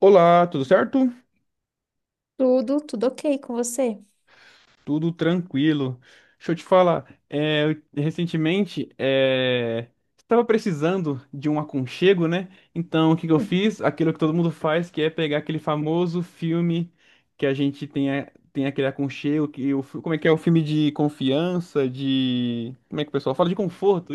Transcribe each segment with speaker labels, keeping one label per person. Speaker 1: Olá, tudo certo?
Speaker 2: Tudo, ok com você?
Speaker 1: Tudo tranquilo. Deixa eu te falar, recentemente estava precisando de um aconchego, né? Então, o que que eu
Speaker 2: Hum.
Speaker 1: fiz? Aquilo que todo mundo faz, que é pegar aquele famoso filme que a gente tem, tem aquele aconchego, como é que é? O filme de confiança, Como é que o pessoal fala? De conforto,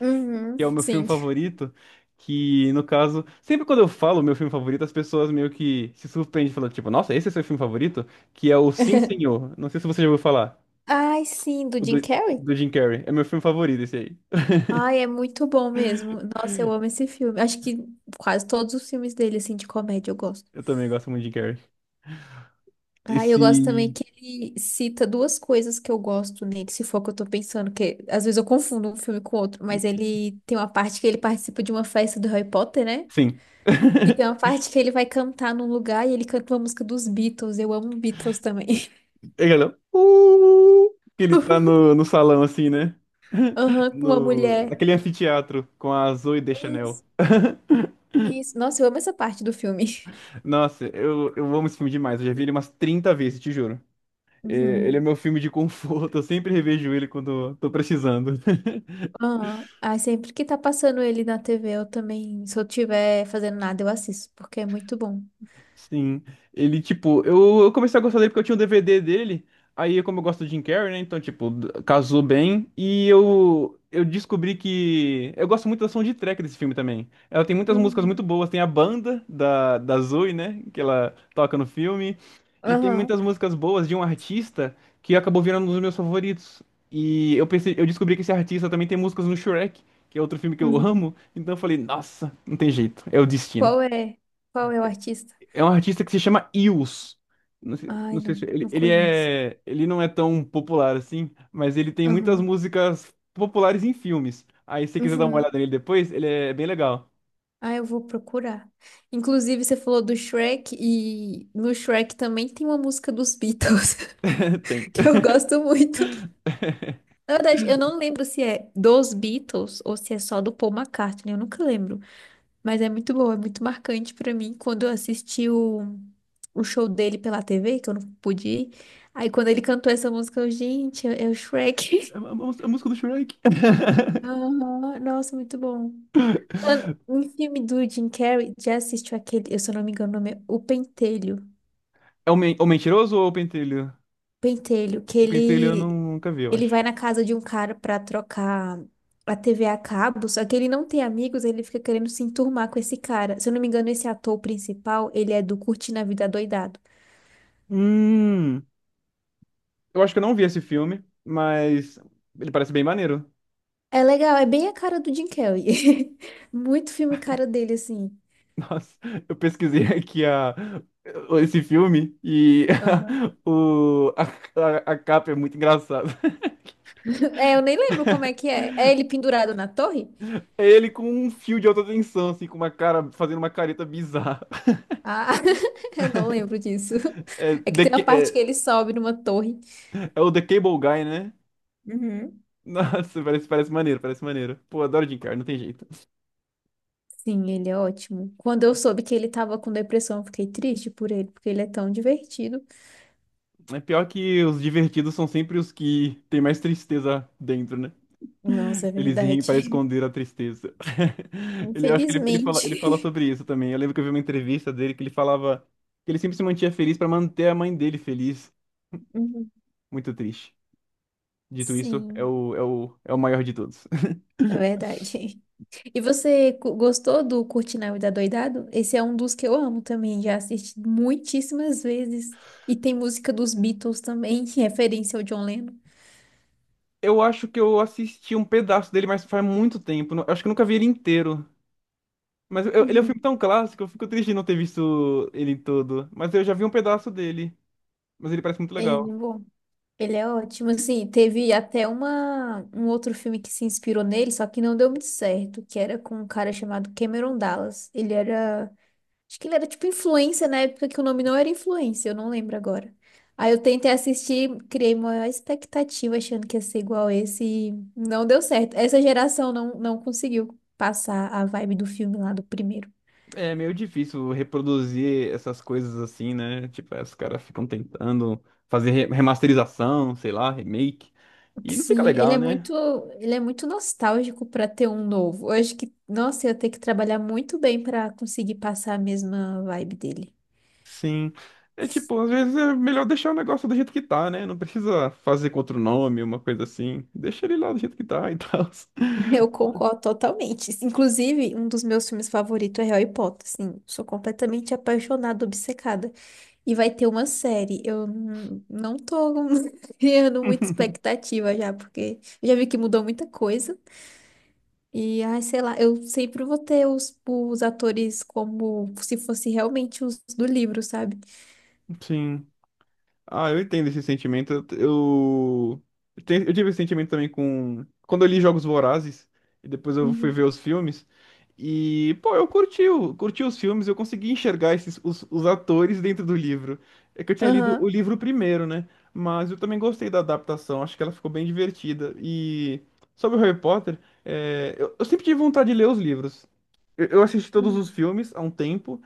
Speaker 2: Uhum,
Speaker 1: que é o meu filme
Speaker 2: sim.
Speaker 1: favorito, que no caso, sempre quando eu falo meu filme favorito, as pessoas meio que se surpreendem falando, tipo, nossa, esse é seu filme favorito? Que é o Sim, Senhor. Não sei se você já ouviu falar.
Speaker 2: Ai, sim, do
Speaker 1: O
Speaker 2: Jim
Speaker 1: do,
Speaker 2: Carrey?
Speaker 1: do Jim Carrey. É meu filme favorito esse aí.
Speaker 2: Ai, é muito bom mesmo. Nossa, eu amo esse filme. Acho que quase todos os filmes dele, assim, de comédia eu gosto.
Speaker 1: Eu também gosto muito de Jim Carrey.
Speaker 2: Ai, eu gosto
Speaker 1: Esse.
Speaker 2: também que ele cita duas coisas que eu gosto nele, se for o que eu tô pensando, que às vezes eu confundo um filme com outro, mas ele tem uma parte que ele participa de uma festa do Harry Potter, né?
Speaker 1: Sim.
Speaker 2: E tem uma parte que ele vai cantar num lugar e ele canta uma música dos Beatles. Eu amo Beatles também.
Speaker 1: É aquela, que ele tá no salão assim, né?
Speaker 2: Aham, com uma
Speaker 1: No,
Speaker 2: mulher.
Speaker 1: Naquele anfiteatro com a Zoe Deschanel.
Speaker 2: Isso. Nossa, eu amo essa parte do filme.
Speaker 1: Nossa, eu amo esse filme demais. Eu já vi ele umas 30 vezes, te juro. Ele é
Speaker 2: Uhum.
Speaker 1: meu filme de conforto, eu sempre revejo ele quando tô precisando.
Speaker 2: Aham. Ah, sempre que tá passando ele na TV, eu também, se eu tiver fazendo nada, eu assisto, porque é muito bom.
Speaker 1: Sim, ele, tipo, eu comecei a gostar dele porque eu tinha um DVD dele, aí como eu gosto do Jim Carrey, né, então, tipo, casou bem, e eu descobri Eu gosto muito da soundtrack desse filme também. Ela tem muitas músicas
Speaker 2: Uhum.
Speaker 1: muito boas, tem a banda da Zoe, né, que ela toca no filme, e tem
Speaker 2: Aham.
Speaker 1: muitas músicas boas de um artista que acabou virando um dos meus favoritos. E eu pensei, eu descobri que esse artista também tem músicas no Shrek, que é outro filme que eu
Speaker 2: Uhum.
Speaker 1: amo, então eu falei, nossa, não tem jeito, é o destino.
Speaker 2: Qual é? Qual é o artista?
Speaker 1: É um artista que se chama Eels. Não sei,
Speaker 2: Ai,
Speaker 1: não sei se
Speaker 2: não, não conheço.
Speaker 1: ele não é tão popular assim, mas ele tem muitas
Speaker 2: Aham.
Speaker 1: músicas populares em filmes. Aí se você quiser dar uma olhada
Speaker 2: Uhum.
Speaker 1: nele depois, ele é bem legal.
Speaker 2: Ah, eu vou procurar. Inclusive, você falou do Shrek e no Shrek também tem uma música dos Beatles
Speaker 1: Tem.
Speaker 2: que eu gosto muito. Na verdade, eu não lembro se é dos Beatles ou se é só do Paul McCartney, eu nunca lembro. Mas é muito bom, é muito marcante pra mim quando eu assisti o show dele pela TV, que eu não pude ir. Aí quando ele cantou essa música, eu, gente, é, é o Shrek.
Speaker 1: A música do Shrek.
Speaker 2: Aham, nossa, muito bom. Falando em filme do Jim Carrey, já assistiu aquele? Eu, se eu não me engano, o nome é O Pentelho.
Speaker 1: O Mentiroso ou o Pentelho?
Speaker 2: Pentelho, que
Speaker 1: O Pentelho eu nunca vi, eu
Speaker 2: ele
Speaker 1: acho.
Speaker 2: vai na casa de um cara pra trocar a TV a cabo, só que ele não tem amigos, ele fica querendo se enturmar com esse cara. Se eu não me engano, esse ator principal, ele é do Curtindo a Vida Doidado.
Speaker 1: Hum, eu acho que eu não vi esse filme, mas ele parece bem maneiro.
Speaker 2: É legal, é bem a cara do Jim Carrey. Muito filme cara dele, assim.
Speaker 1: Nossa, eu pesquisei esse filme e
Speaker 2: Aham.
Speaker 1: o, a, a capa é muito engraçada.
Speaker 2: É, eu nem lembro como é que é. É ele pendurado na torre?
Speaker 1: É ele com um fio de alta tensão, assim, com uma cara, fazendo uma careta bizarra.
Speaker 2: Ah, eu não lembro disso.
Speaker 1: É,
Speaker 2: É que
Speaker 1: The
Speaker 2: tem
Speaker 1: Ca-
Speaker 2: uma parte que
Speaker 1: é,
Speaker 2: ele sobe numa torre.
Speaker 1: é o The Cable Guy, né?
Speaker 2: Uhum.
Speaker 1: Nossa, parece maneiro, parece maneiro. Pô, adoro Jim Carrey, não tem jeito.
Speaker 2: Sim, ele é ótimo. Quando eu soube que ele tava com depressão, eu fiquei triste por ele, porque ele é tão divertido.
Speaker 1: É pior que os divertidos são sempre os que tem mais tristeza dentro, né?
Speaker 2: Nossa, é
Speaker 1: Eles riem para
Speaker 2: verdade.
Speaker 1: esconder a tristeza. Eu acho que ele fala
Speaker 2: Infelizmente.
Speaker 1: sobre isso também. Eu lembro que eu vi uma entrevista dele que ele falava que ele sempre se mantinha feliz para manter a mãe dele feliz.
Speaker 2: Uhum.
Speaker 1: Muito triste. Dito isso, é
Speaker 2: Sim,
Speaker 1: o, é o, é o maior de todos.
Speaker 2: é verdade. E você gostou do Curtindo a Vida Doidado? Esse é um dos que eu amo também, já assisti muitíssimas vezes. E tem música dos Beatles também, em referência ao John Lennon.
Speaker 1: Eu acho que eu assisti um pedaço dele, mas faz muito tempo. Eu acho que eu nunca vi ele inteiro. Mas ele é um filme
Speaker 2: Uhum.
Speaker 1: tão clássico, eu fico triste de não ter visto ele todo. Mas eu já vi um pedaço dele. Mas ele parece muito
Speaker 2: Ele,
Speaker 1: legal.
Speaker 2: é bom. Ele é ótimo. Assim, teve até uma, um outro filme que se inspirou nele, só que não deu muito certo, que era com um cara chamado Cameron Dallas. Ele era... Acho que ele era tipo influência na época que o nome não era influência, eu não lembro agora. Aí eu tentei assistir, criei uma expectativa achando que ia ser igual esse e não deu certo. Essa geração não, não conseguiu passar a vibe do filme lá do primeiro.
Speaker 1: É meio difícil reproduzir essas coisas assim, né? Tipo, aí os caras ficam tentando fazer remasterização, sei lá, remake. E não fica
Speaker 2: Sim,
Speaker 1: legal, né?
Speaker 2: ele é muito nostálgico para ter um novo. Eu acho que, nossa, eu ia ter que trabalhar muito bem para conseguir passar a mesma vibe dele.
Speaker 1: Sim. É tipo, às vezes é melhor deixar o negócio do jeito que tá, né? Não precisa fazer com outro nome, uma coisa assim. Deixa ele lá do jeito que tá e tal.
Speaker 2: Eu concordo totalmente. Inclusive, um dos meus filmes favoritos é Harry Potter. Sim, sou completamente apaixonada, obcecada. E vai ter uma série. Eu não tô criando muita expectativa já, porque eu já vi que mudou muita coisa. E, ai, sei lá, eu sempre vou ter os atores como se fosse realmente os do livro, sabe?
Speaker 1: Sim. Ah, eu entendo esse sentimento. Eu tive esse sentimento também com. Quando eu li Jogos Vorazes, e depois eu fui ver
Speaker 2: Uhum.
Speaker 1: os filmes. E, pô, eu curti, curti os filmes, eu consegui enxergar os atores dentro do livro. É que eu tinha lido o
Speaker 2: Aham.
Speaker 1: livro primeiro, né? Mas eu também gostei da adaptação, acho que ela ficou bem divertida. E sobre o Harry Potter, eu sempre tive vontade de ler os livros. Eu assisti todos os
Speaker 2: Uhum.
Speaker 1: filmes há um tempo,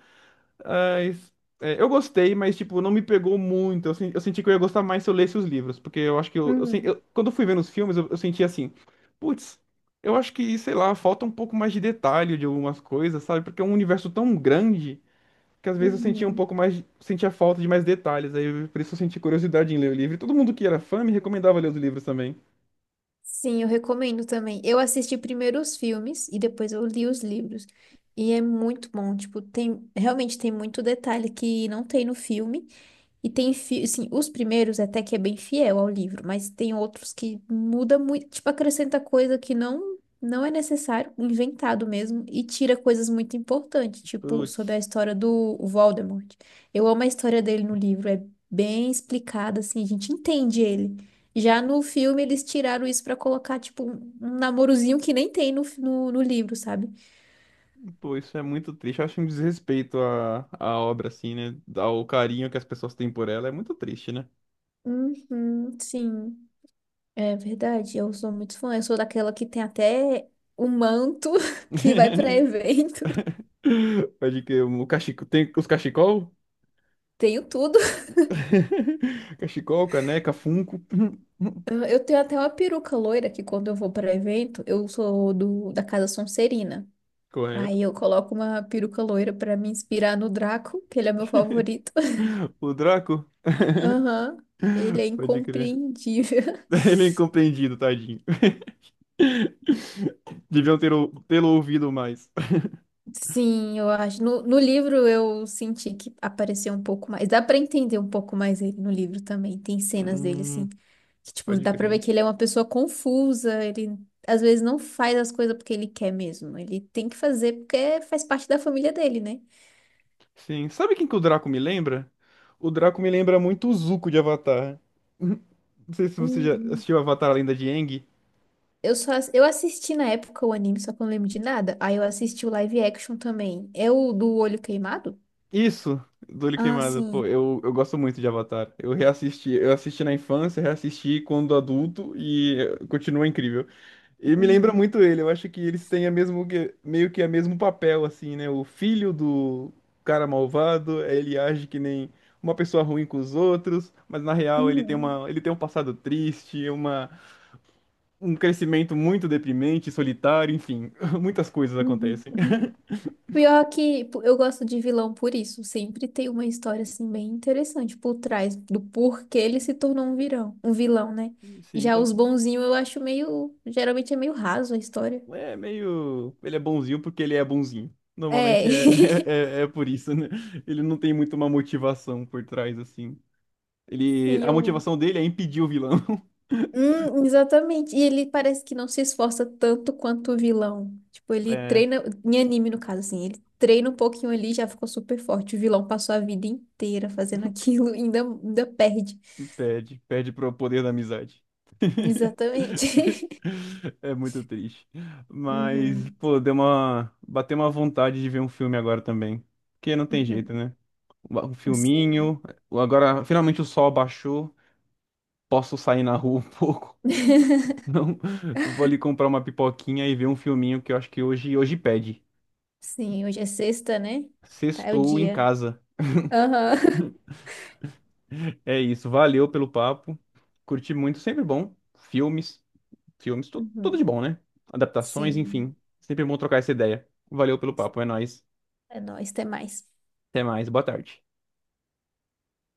Speaker 1: mas, eu gostei, mas, tipo, não me pegou muito. Eu senti que eu ia gostar mais se eu lesse os livros, porque eu acho que
Speaker 2: Uhum.
Speaker 1: quando eu fui vendo os filmes, eu senti assim, putz, eu acho que, sei lá, falta um pouco mais de detalhe de algumas coisas, sabe? Porque é um universo tão grande que às vezes eu sentia um
Speaker 2: Uhum.
Speaker 1: pouco mais, sentia falta de mais detalhes. Aí, por isso eu senti curiosidade em ler o livro. E todo mundo que era fã me recomendava ler os livros também.
Speaker 2: Sim, eu recomendo também. Eu assisti primeiro os filmes e depois eu li os livros. E é muito bom, tipo, tem, realmente tem muito detalhe que não tem no filme. E tem, assim, os primeiros até que é bem fiel ao livro, mas tem outros que muda muito, tipo, acrescenta coisa que não é necessário, inventado mesmo, e tira coisas muito importantes, tipo, sobre a
Speaker 1: Putz,
Speaker 2: história do Voldemort. Eu amo a história dele no livro, é bem explicada, assim, a gente entende ele. Já no filme eles tiraram isso pra colocar, tipo, um namorozinho que nem tem no, no livro, sabe?
Speaker 1: pô, isso é muito triste. Eu acho um desrespeito à obra, assim, né? Ao carinho que as pessoas têm por ela. É muito triste, né?
Speaker 2: Uhum, sim. É verdade, eu sou muito fã. Eu sou daquela que tem até o manto que vai pra evento.
Speaker 1: Pode que o cachecol. Tem os cachecol?
Speaker 2: Tenho tudo.
Speaker 1: Cachecol, caneca, funko.
Speaker 2: Eu tenho até uma peruca loira que quando eu vou pra evento, eu sou da Casa Sonserina.
Speaker 1: Correto.
Speaker 2: Aí eu coloco uma peruca loira pra me inspirar no Draco, que ele é meu favorito.
Speaker 1: O Draco?
Speaker 2: Aham, ele é
Speaker 1: Pode crer.
Speaker 2: incompreendível.
Speaker 1: Ele é incompreendido, tadinho. Deviam ter tê-lo ouvido mais.
Speaker 2: Sim, eu acho. No livro eu senti que apareceu um pouco mais. Dá pra entender um pouco mais ele no livro também. Tem cenas dele, assim,
Speaker 1: Hum,
Speaker 2: que, tipo,
Speaker 1: Pode
Speaker 2: dá pra ver
Speaker 1: crer.
Speaker 2: que ele é uma pessoa confusa. Ele, às vezes, não faz as coisas porque ele quer mesmo. Ele tem que fazer porque faz parte da família dele, né?
Speaker 1: Sim. Sabe quem que o Draco me lembra? O Draco me lembra muito o Zuko de Avatar. Não sei se você já
Speaker 2: Uhum.
Speaker 1: assistiu Avatar, a Lenda de Aang.
Speaker 2: Eu assisti na época o anime, só que eu não lembro de nada. Aí eu assisti o live action também. É o do olho queimado?
Speaker 1: Isso, do Olho.
Speaker 2: Ah,
Speaker 1: Pô,
Speaker 2: sim.
Speaker 1: eu gosto muito de Avatar. Eu reassisti, eu assisti na infância, reassisti quando adulto e continua incrível. E me lembra
Speaker 2: Uhum.
Speaker 1: muito ele. Eu acho que eles têm meio que o mesmo papel, assim, né? O filho do cara malvado, ele age que nem uma pessoa ruim com os outros, mas na real ele tem
Speaker 2: Uhum.
Speaker 1: ele tem um passado triste, um crescimento muito deprimente, solitário, enfim, muitas coisas
Speaker 2: Uhum.
Speaker 1: acontecem.
Speaker 2: Pior que pô, eu gosto de vilão por isso. Sempre tem uma história assim bem interessante por trás do porquê ele se tornou um vilão, né?
Speaker 1: Sim,
Speaker 2: Já os bonzinhos eu acho meio, geralmente é meio raso a história.
Speaker 1: é meio. Ele é bonzinho porque ele é bonzinho.
Speaker 2: É.
Speaker 1: Normalmente é, é por isso, né? Ele não tem muito uma motivação por trás, assim.
Speaker 2: Sim,
Speaker 1: A
Speaker 2: eu.
Speaker 1: motivação dele é impedir o vilão.
Speaker 2: Exatamente. E ele parece que não se esforça tanto quanto o vilão. Tipo, ele
Speaker 1: É,
Speaker 2: treina, em anime no caso, assim, ele treina um pouquinho ali e já ficou super forte. O vilão passou a vida inteira fazendo aquilo e ainda, perde.
Speaker 1: perde. Perde pro poder da amizade.
Speaker 2: Exatamente.
Speaker 1: É muito triste. Mas,
Speaker 2: Uhum.
Speaker 1: pô, deu uma. Bateu uma vontade de ver um filme agora também. Porque não tem jeito,
Speaker 2: Uhum.
Speaker 1: né? Um
Speaker 2: Sim.
Speaker 1: filminho. Agora, finalmente o sol baixou. Posso sair na rua um pouco. Não, vou ali comprar uma pipoquinha e ver um filminho que eu acho que hoje pede.
Speaker 2: Sim, hoje é sexta, né? Tá, é o
Speaker 1: Sextou em
Speaker 2: dia.
Speaker 1: casa.
Speaker 2: Aham.
Speaker 1: É isso, valeu pelo papo. Curti muito, sempre bom. Filmes, filmes, tudo de
Speaker 2: Uhum.
Speaker 1: bom, né? Adaptações,
Speaker 2: Sim.
Speaker 1: enfim. Sempre bom trocar essa ideia. Valeu pelo papo, é nóis.
Speaker 2: É nóis, até mais.
Speaker 1: Até mais, boa tarde.